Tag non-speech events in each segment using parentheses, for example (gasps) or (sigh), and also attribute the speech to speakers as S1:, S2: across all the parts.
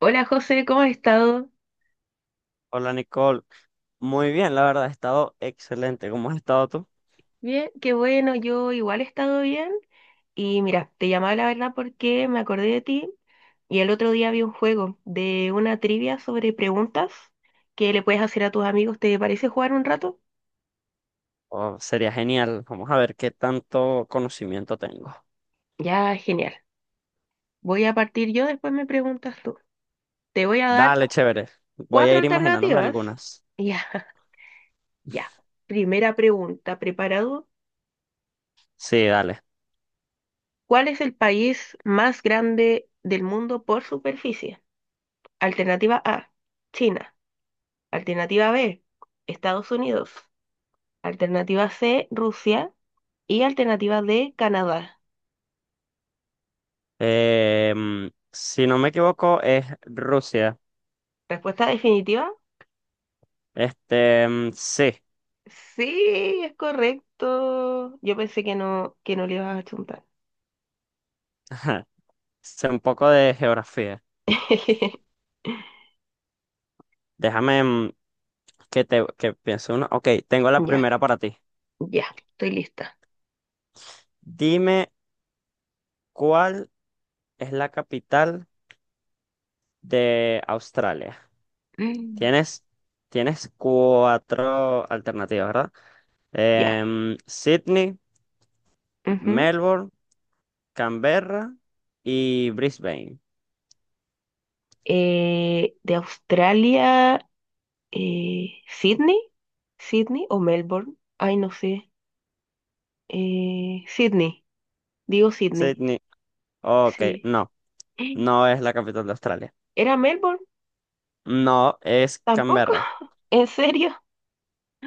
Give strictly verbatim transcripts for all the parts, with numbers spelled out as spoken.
S1: Hola José, ¿cómo has estado?
S2: Hola Nicole, muy bien, la verdad, ha estado excelente. ¿Cómo has estado tú?
S1: Bien, qué bueno, yo igual he estado bien. Y mira, te llamaba la verdad porque me acordé de ti y el otro día vi un juego de una trivia sobre preguntas que le puedes hacer a tus amigos. ¿Te parece jugar un rato?
S2: Oh, sería genial. Vamos a ver qué tanto conocimiento tengo.
S1: Ya, genial. Voy a partir yo, después me preguntas tú. Te voy a dar
S2: Dale, chévere. Voy a
S1: cuatro
S2: ir imaginándome
S1: alternativas.
S2: algunas.
S1: Ya, (laughs) ya. Primera pregunta, ¿preparado?
S2: Sí, dale.
S1: ¿Cuál es el país más grande del mundo por superficie? Alternativa A, China. Alternativa B, Estados Unidos. Alternativa C, Rusia. Y alternativa D, Canadá.
S2: Eh, mm, si no me equivoco, es Rusia.
S1: ¿Respuesta definitiva?
S2: Este, mm, sí.
S1: Sí, es correcto. Yo pensé que no, que no le ibas a chuntar.
S2: (laughs) Ajá. Sé un poco de geografía.
S1: (laughs)
S2: Déjame mm, que te que piense uno. Ok, tengo la
S1: Ya,
S2: primera para ti.
S1: ya, estoy lista.
S2: Dime cuál es la capital de Australia.
S1: Mm,
S2: Tienes, tienes cuatro alternativas, ¿verdad?
S1: ya,
S2: Em, Sydney,
S1: ujú.
S2: Melbourne, Canberra y Brisbane.
S1: Eh, de Australia, eh, Sydney, Sydney o Melbourne. Ay, no sé. Eh, Sydney, digo Sydney.
S2: Sydney, ok,
S1: Sí.
S2: no, no
S1: (gasps)
S2: es la capital de Australia.
S1: ¿Era Melbourne?
S2: No es
S1: ¿Tampoco?
S2: Canberra.
S1: (laughs) ¿En serio?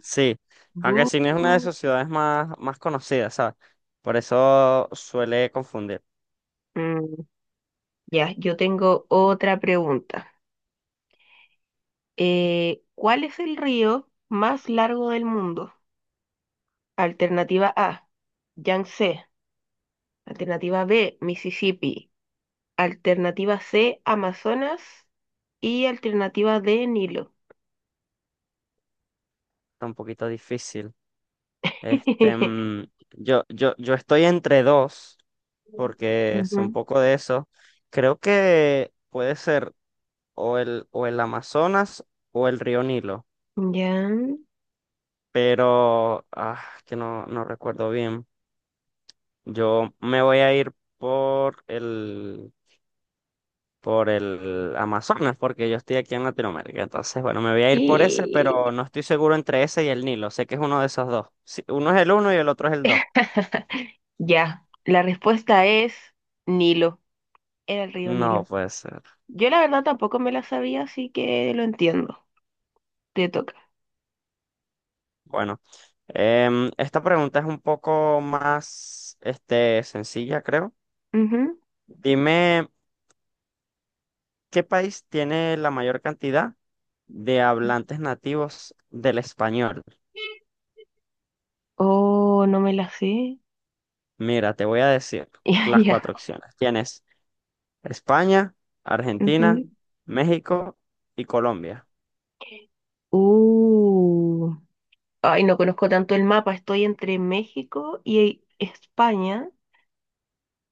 S2: Sí, aunque
S1: Bu.
S2: Sydney es una de sus ciudades más, más conocidas, ¿sabes? Por eso suele confundir.
S1: Mm, ya, yo tengo otra pregunta. Eh, ¿cuál es el río más largo del mundo? Alternativa A, Yangtze. Alternativa B, Mississippi. Alternativa C, Amazonas. Y alternativa D, Nilo.
S2: Está un poquito difícil. Este,
S1: (laughs)
S2: mm, yo, yo, yo estoy entre dos, porque es un
S1: Ujú.
S2: poco de eso. Creo que puede ser o el, o el Amazonas o el río Nilo,
S1: Ya.
S2: pero ah, que no, no recuerdo bien. Yo me voy a ir por el, por el Amazonas, porque yo estoy aquí en Latinoamérica. Entonces, bueno, me voy a ir por ese, pero
S1: Y
S2: no estoy seguro entre ese y el Nilo. Sé que es uno de esos dos. Sí, uno es el uno y el otro es el dos.
S1: ya, la respuesta es Nilo. Era el río
S2: No
S1: Nilo.
S2: puede ser.
S1: Yo la verdad tampoco me la sabía, así que lo entiendo. Te toca.
S2: Bueno, em, esta pregunta es un poco más, este, sencilla, creo.
S1: Ujú.
S2: Dime, ¿qué país tiene la mayor cantidad de hablantes nativos del español?
S1: Oh, no me la sé. (laughs)
S2: Mira, te voy a decir
S1: Ya,
S2: las
S1: ya.
S2: cuatro opciones. Tienes España, Argentina,
S1: Ujú.
S2: México y Colombia.
S1: Uh. Ay, no conozco tanto el mapa. Estoy entre México y España,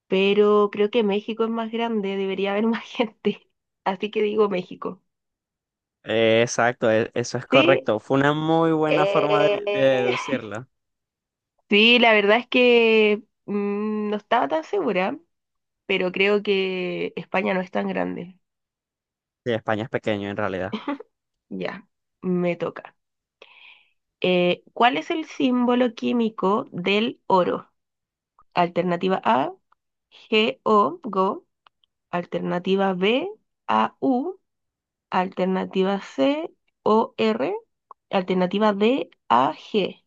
S1: pero creo que México es más grande, debería haber (laughs) más gente. Así que digo México.
S2: Eh, exacto, e- eso es
S1: Sí,
S2: correcto. Fue una muy buena forma de, de
S1: eh,
S2: deducirlo.
S1: sí, la verdad es que mm, no estaba tan segura, pero creo que España no es tan grande.
S2: Sí, España es pequeño en realidad.
S1: Ya, me toca. Eh, ¿cuál es el símbolo químico del oro? Alternativa A, G O Go. Alternativa B, A U. Alternativa C, O R. Alternativa D, A G.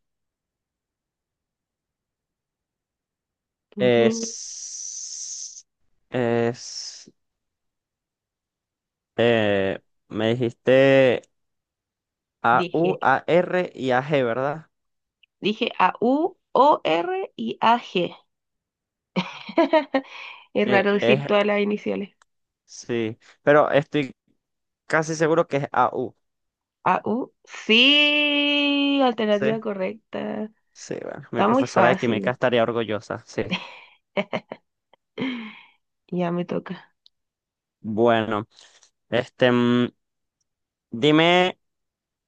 S1: Tun, tun.
S2: Es, es Eh, Me dijiste A,
S1: Dije,
S2: U, A, R y A, G, ¿verdad?
S1: dije A U, O R y A G. (laughs) Es
S2: Eh,
S1: raro decir
S2: es,
S1: todas las iniciales.
S2: sí, pero estoy casi seguro que es A, U.
S1: A U, sí, alternativa
S2: Sí,
S1: correcta.
S2: sí, bueno, mi
S1: Está muy
S2: profesora de química
S1: fácil.
S2: estaría orgullosa, sí.
S1: (laughs) Ya me toca.
S2: Bueno, este, mm, dime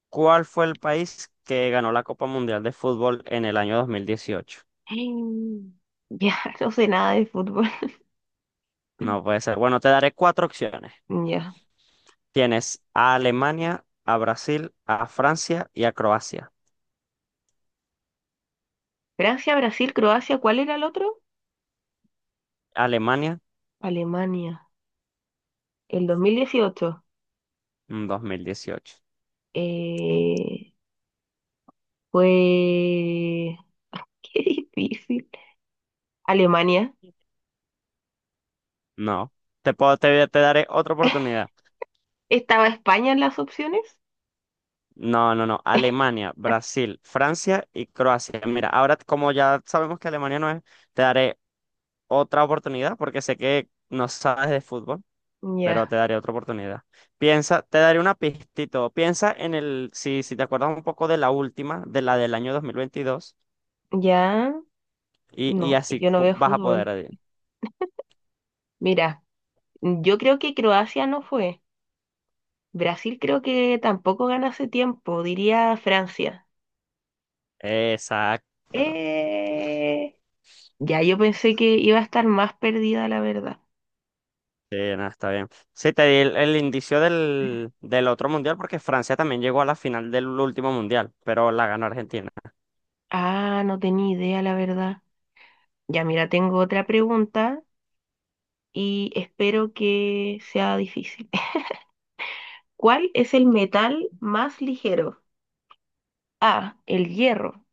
S2: cuál fue el país que ganó la Copa Mundial de Fútbol en el año dos mil dieciocho.
S1: Mm, ya, (laughs) no sé nada de fútbol.
S2: No puede
S1: (laughs)
S2: ser. Bueno, te daré cuatro opciones.
S1: Ya.
S2: Tienes a Alemania, a Brasil, a Francia y a Croacia.
S1: Francia, Brasil, Croacia, ¿cuál era el otro?
S2: Alemania,
S1: Alemania. El dos mil dieciocho.
S2: mm, dos mil dieciocho.
S1: Eh, Fue... (laughs) Qué difícil. Alemania.
S2: No. Te puedo, te, te daré otra oportunidad.
S1: ¿Estaba España en las opciones?
S2: No, no, no. Alemania, Brasil, Francia y Croacia. Mira, ahora como ya sabemos que Alemania no es, te daré otra oportunidad porque sé que no sabes de fútbol, pero
S1: Ya.
S2: te daré otra oportunidad. Piensa, te daré una pistito. Piensa en el, si, si te acuerdas un poco de la última, de la del año dos mil veintidós,
S1: Ya.
S2: y, y
S1: No,
S2: así
S1: yo no
S2: po-
S1: veo
S2: vas a poder
S1: fútbol.
S2: adivinar.
S1: Mira, yo creo que Croacia no fue. Brasil creo que tampoco gana hace tiempo, diría Francia.
S2: Exacto.
S1: Eh, Ya, yo pensé que iba a estar más perdida, la verdad.
S2: Sí, nada, está bien. Sí, te di el, el indicio del, del otro mundial porque Francia también llegó a la final del último mundial, pero la ganó Argentina.
S1: Ah, no tenía idea, la verdad. Ya, mira, tengo otra pregunta y espero que sea difícil. (laughs) ¿Cuál es el metal más ligero? A, el hierro,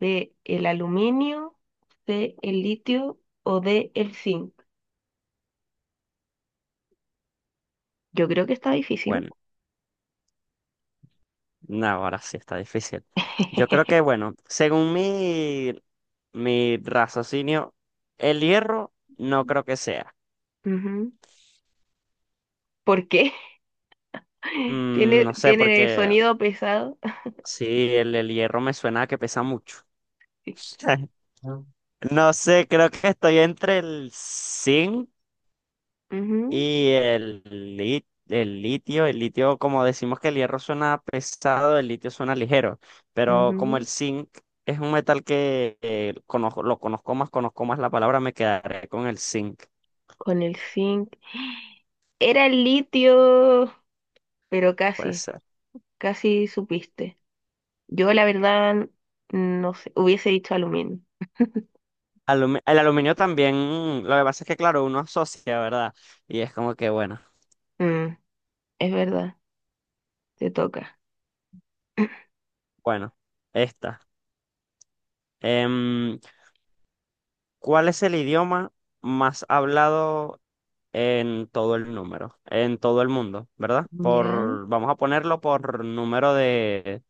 S1: B, el aluminio, C, el litio o D, el zinc. Yo creo que está difícil.
S2: Bueno, no, ahora sí está difícil. Yo creo
S1: (laughs)
S2: que, bueno, según mi, mi raciocinio, el hierro no creo que sea.
S1: Ujú. ¿Por qué? (laughs)
S2: Mm,
S1: ¿Tiene,
S2: no sé,
S1: tiene
S2: porque
S1: sonido pesado?
S2: sí, el, el hierro me suena a que pesa mucho.
S1: (laughs)
S2: (laughs)
S1: Ah.
S2: No sé, creo que estoy entre el
S1: Ujú,
S2: y el, li- el litio, el litio, como decimos que el hierro suena pesado, el litio suena ligero, pero como el
S1: ujú.
S2: zinc es un metal que eh, conozco, lo conozco más, conozco más la palabra, me quedaré con el zinc,
S1: Con el zinc. Era el litio, pero
S2: puede
S1: casi,
S2: ser.
S1: casi supiste. Yo la verdad, no sé, hubiese dicho aluminio.
S2: Alumi- el aluminio también, lo que pasa es que, claro, uno asocia, ¿verdad? Y es como que, bueno,
S1: Mm, es verdad, te toca. (laughs)
S2: bueno, esta. Em, ¿cuál es el idioma más hablado en todo el número, en todo el mundo, ¿verdad?
S1: Ya,
S2: Por, vamos a ponerlo por número de,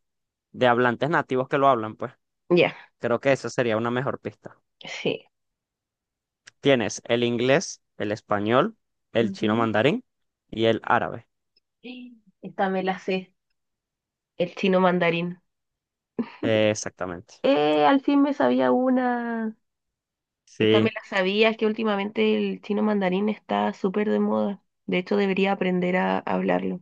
S2: de hablantes nativos que lo hablan, pues.
S1: ya,
S2: Creo que esa sería una mejor pista.
S1: sí.
S2: Tienes el inglés, el español, el chino
S1: Ujú.
S2: mandarín y el árabe.
S1: Esta me la sé, el chino mandarín.
S2: Eh, exactamente.
S1: Eh, al fin me sabía una. Esta me
S2: Sí,
S1: la sabía, es que últimamente el chino mandarín está súper de moda. De hecho, debería aprender a hablarlo,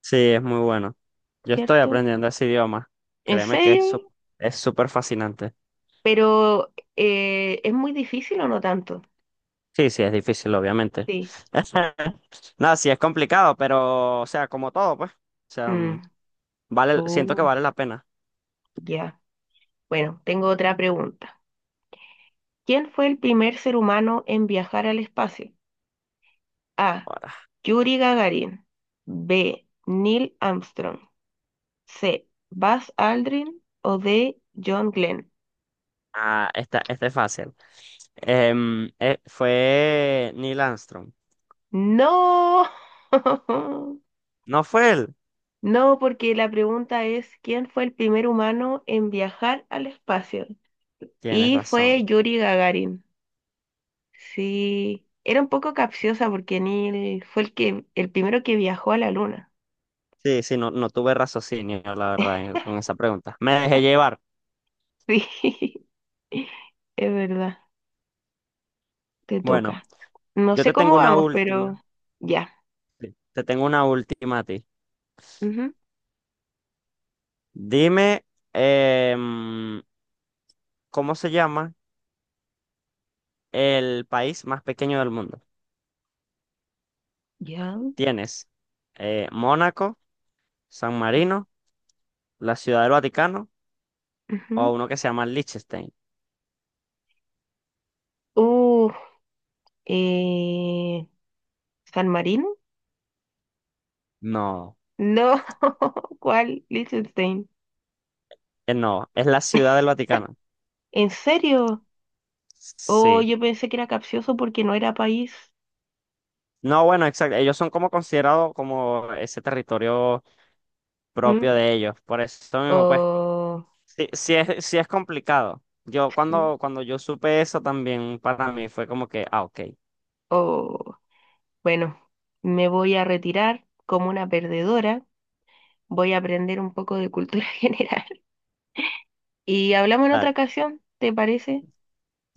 S2: sí, es muy bueno. Yo estoy
S1: ¿cierto?
S2: aprendiendo ese idioma.
S1: ¿En
S2: Créeme que es sup-
S1: serio?
S2: es súper fascinante.
S1: Pero eh, ¿es muy difícil o no tanto?
S2: Sí, sí, es difícil, obviamente.
S1: Sí.
S2: (laughs) Nada, sí, es complicado, pero, o sea, como todo, pues. O sea,
S1: Mm.
S2: vale, siento que
S1: Oh,
S2: vale la pena.
S1: ya. Bueno, tengo otra pregunta. ¿Quién fue el primer ser humano en viajar al espacio? A,
S2: Ahora,
S1: Yuri Gagarin. B, Neil Armstrong. C, Buzz Aldrin. O D, John Glenn.
S2: ah, esta, esta es fácil. Em, eh, fue Neil Armstrong.
S1: No. (laughs)
S2: No fue él.
S1: No, porque la pregunta es ¿quién fue el primer humano en viajar al espacio?
S2: Tienes
S1: Y fue
S2: razón.
S1: Yuri Gagarin. Sí, era un poco capciosa porque Neil fue el que, el primero que viajó a la luna. (laughs)
S2: Sí, sí, no, no tuve raciocinio, la verdad, en- con esa pregunta. Me dejé llevar.
S1: Sí, es verdad, te
S2: Bueno,
S1: toca. No
S2: yo
S1: sé
S2: te tengo
S1: cómo
S2: una
S1: vamos, pero
S2: última.
S1: ya.
S2: Te tengo una última a ti.
S1: Ujú,
S2: Dime, em, ¿cómo se llama el país más pequeño del mundo?
S1: ya,
S2: Tienes eh, Mónaco, San Marino, la Ciudad del Vaticano o
S1: ujú.
S2: uno que se llama Liechtenstein.
S1: Uh, eh, ¿San Marino?
S2: No,
S1: No, (laughs) ¿cuál? Liechtenstein.
S2: eh, no, es la Ciudad del Vaticano.
S1: ¿En serio? Oh,
S2: Sí.
S1: yo pensé que era capcioso porque no era país.
S2: No, bueno, exacto. Ellos son como considerados como ese territorio
S1: Mm,
S2: propio de ellos. Por eso mismo, pues,
S1: oh,
S2: sí, sí es, sí es complicado. Yo
S1: sí,
S2: cuando, cuando yo supe eso también para mí fue como que, ah, ok,
S1: oh. Bueno, me voy a retirar como una perdedora, voy a aprender un poco de cultura (laughs) general. Y hablamos en otra
S2: dale,
S1: ocasión, ¿te parece?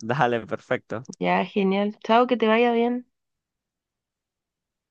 S2: (laughs) dale, perfecto.
S1: Ya, genial. Chao, que te vaya bien.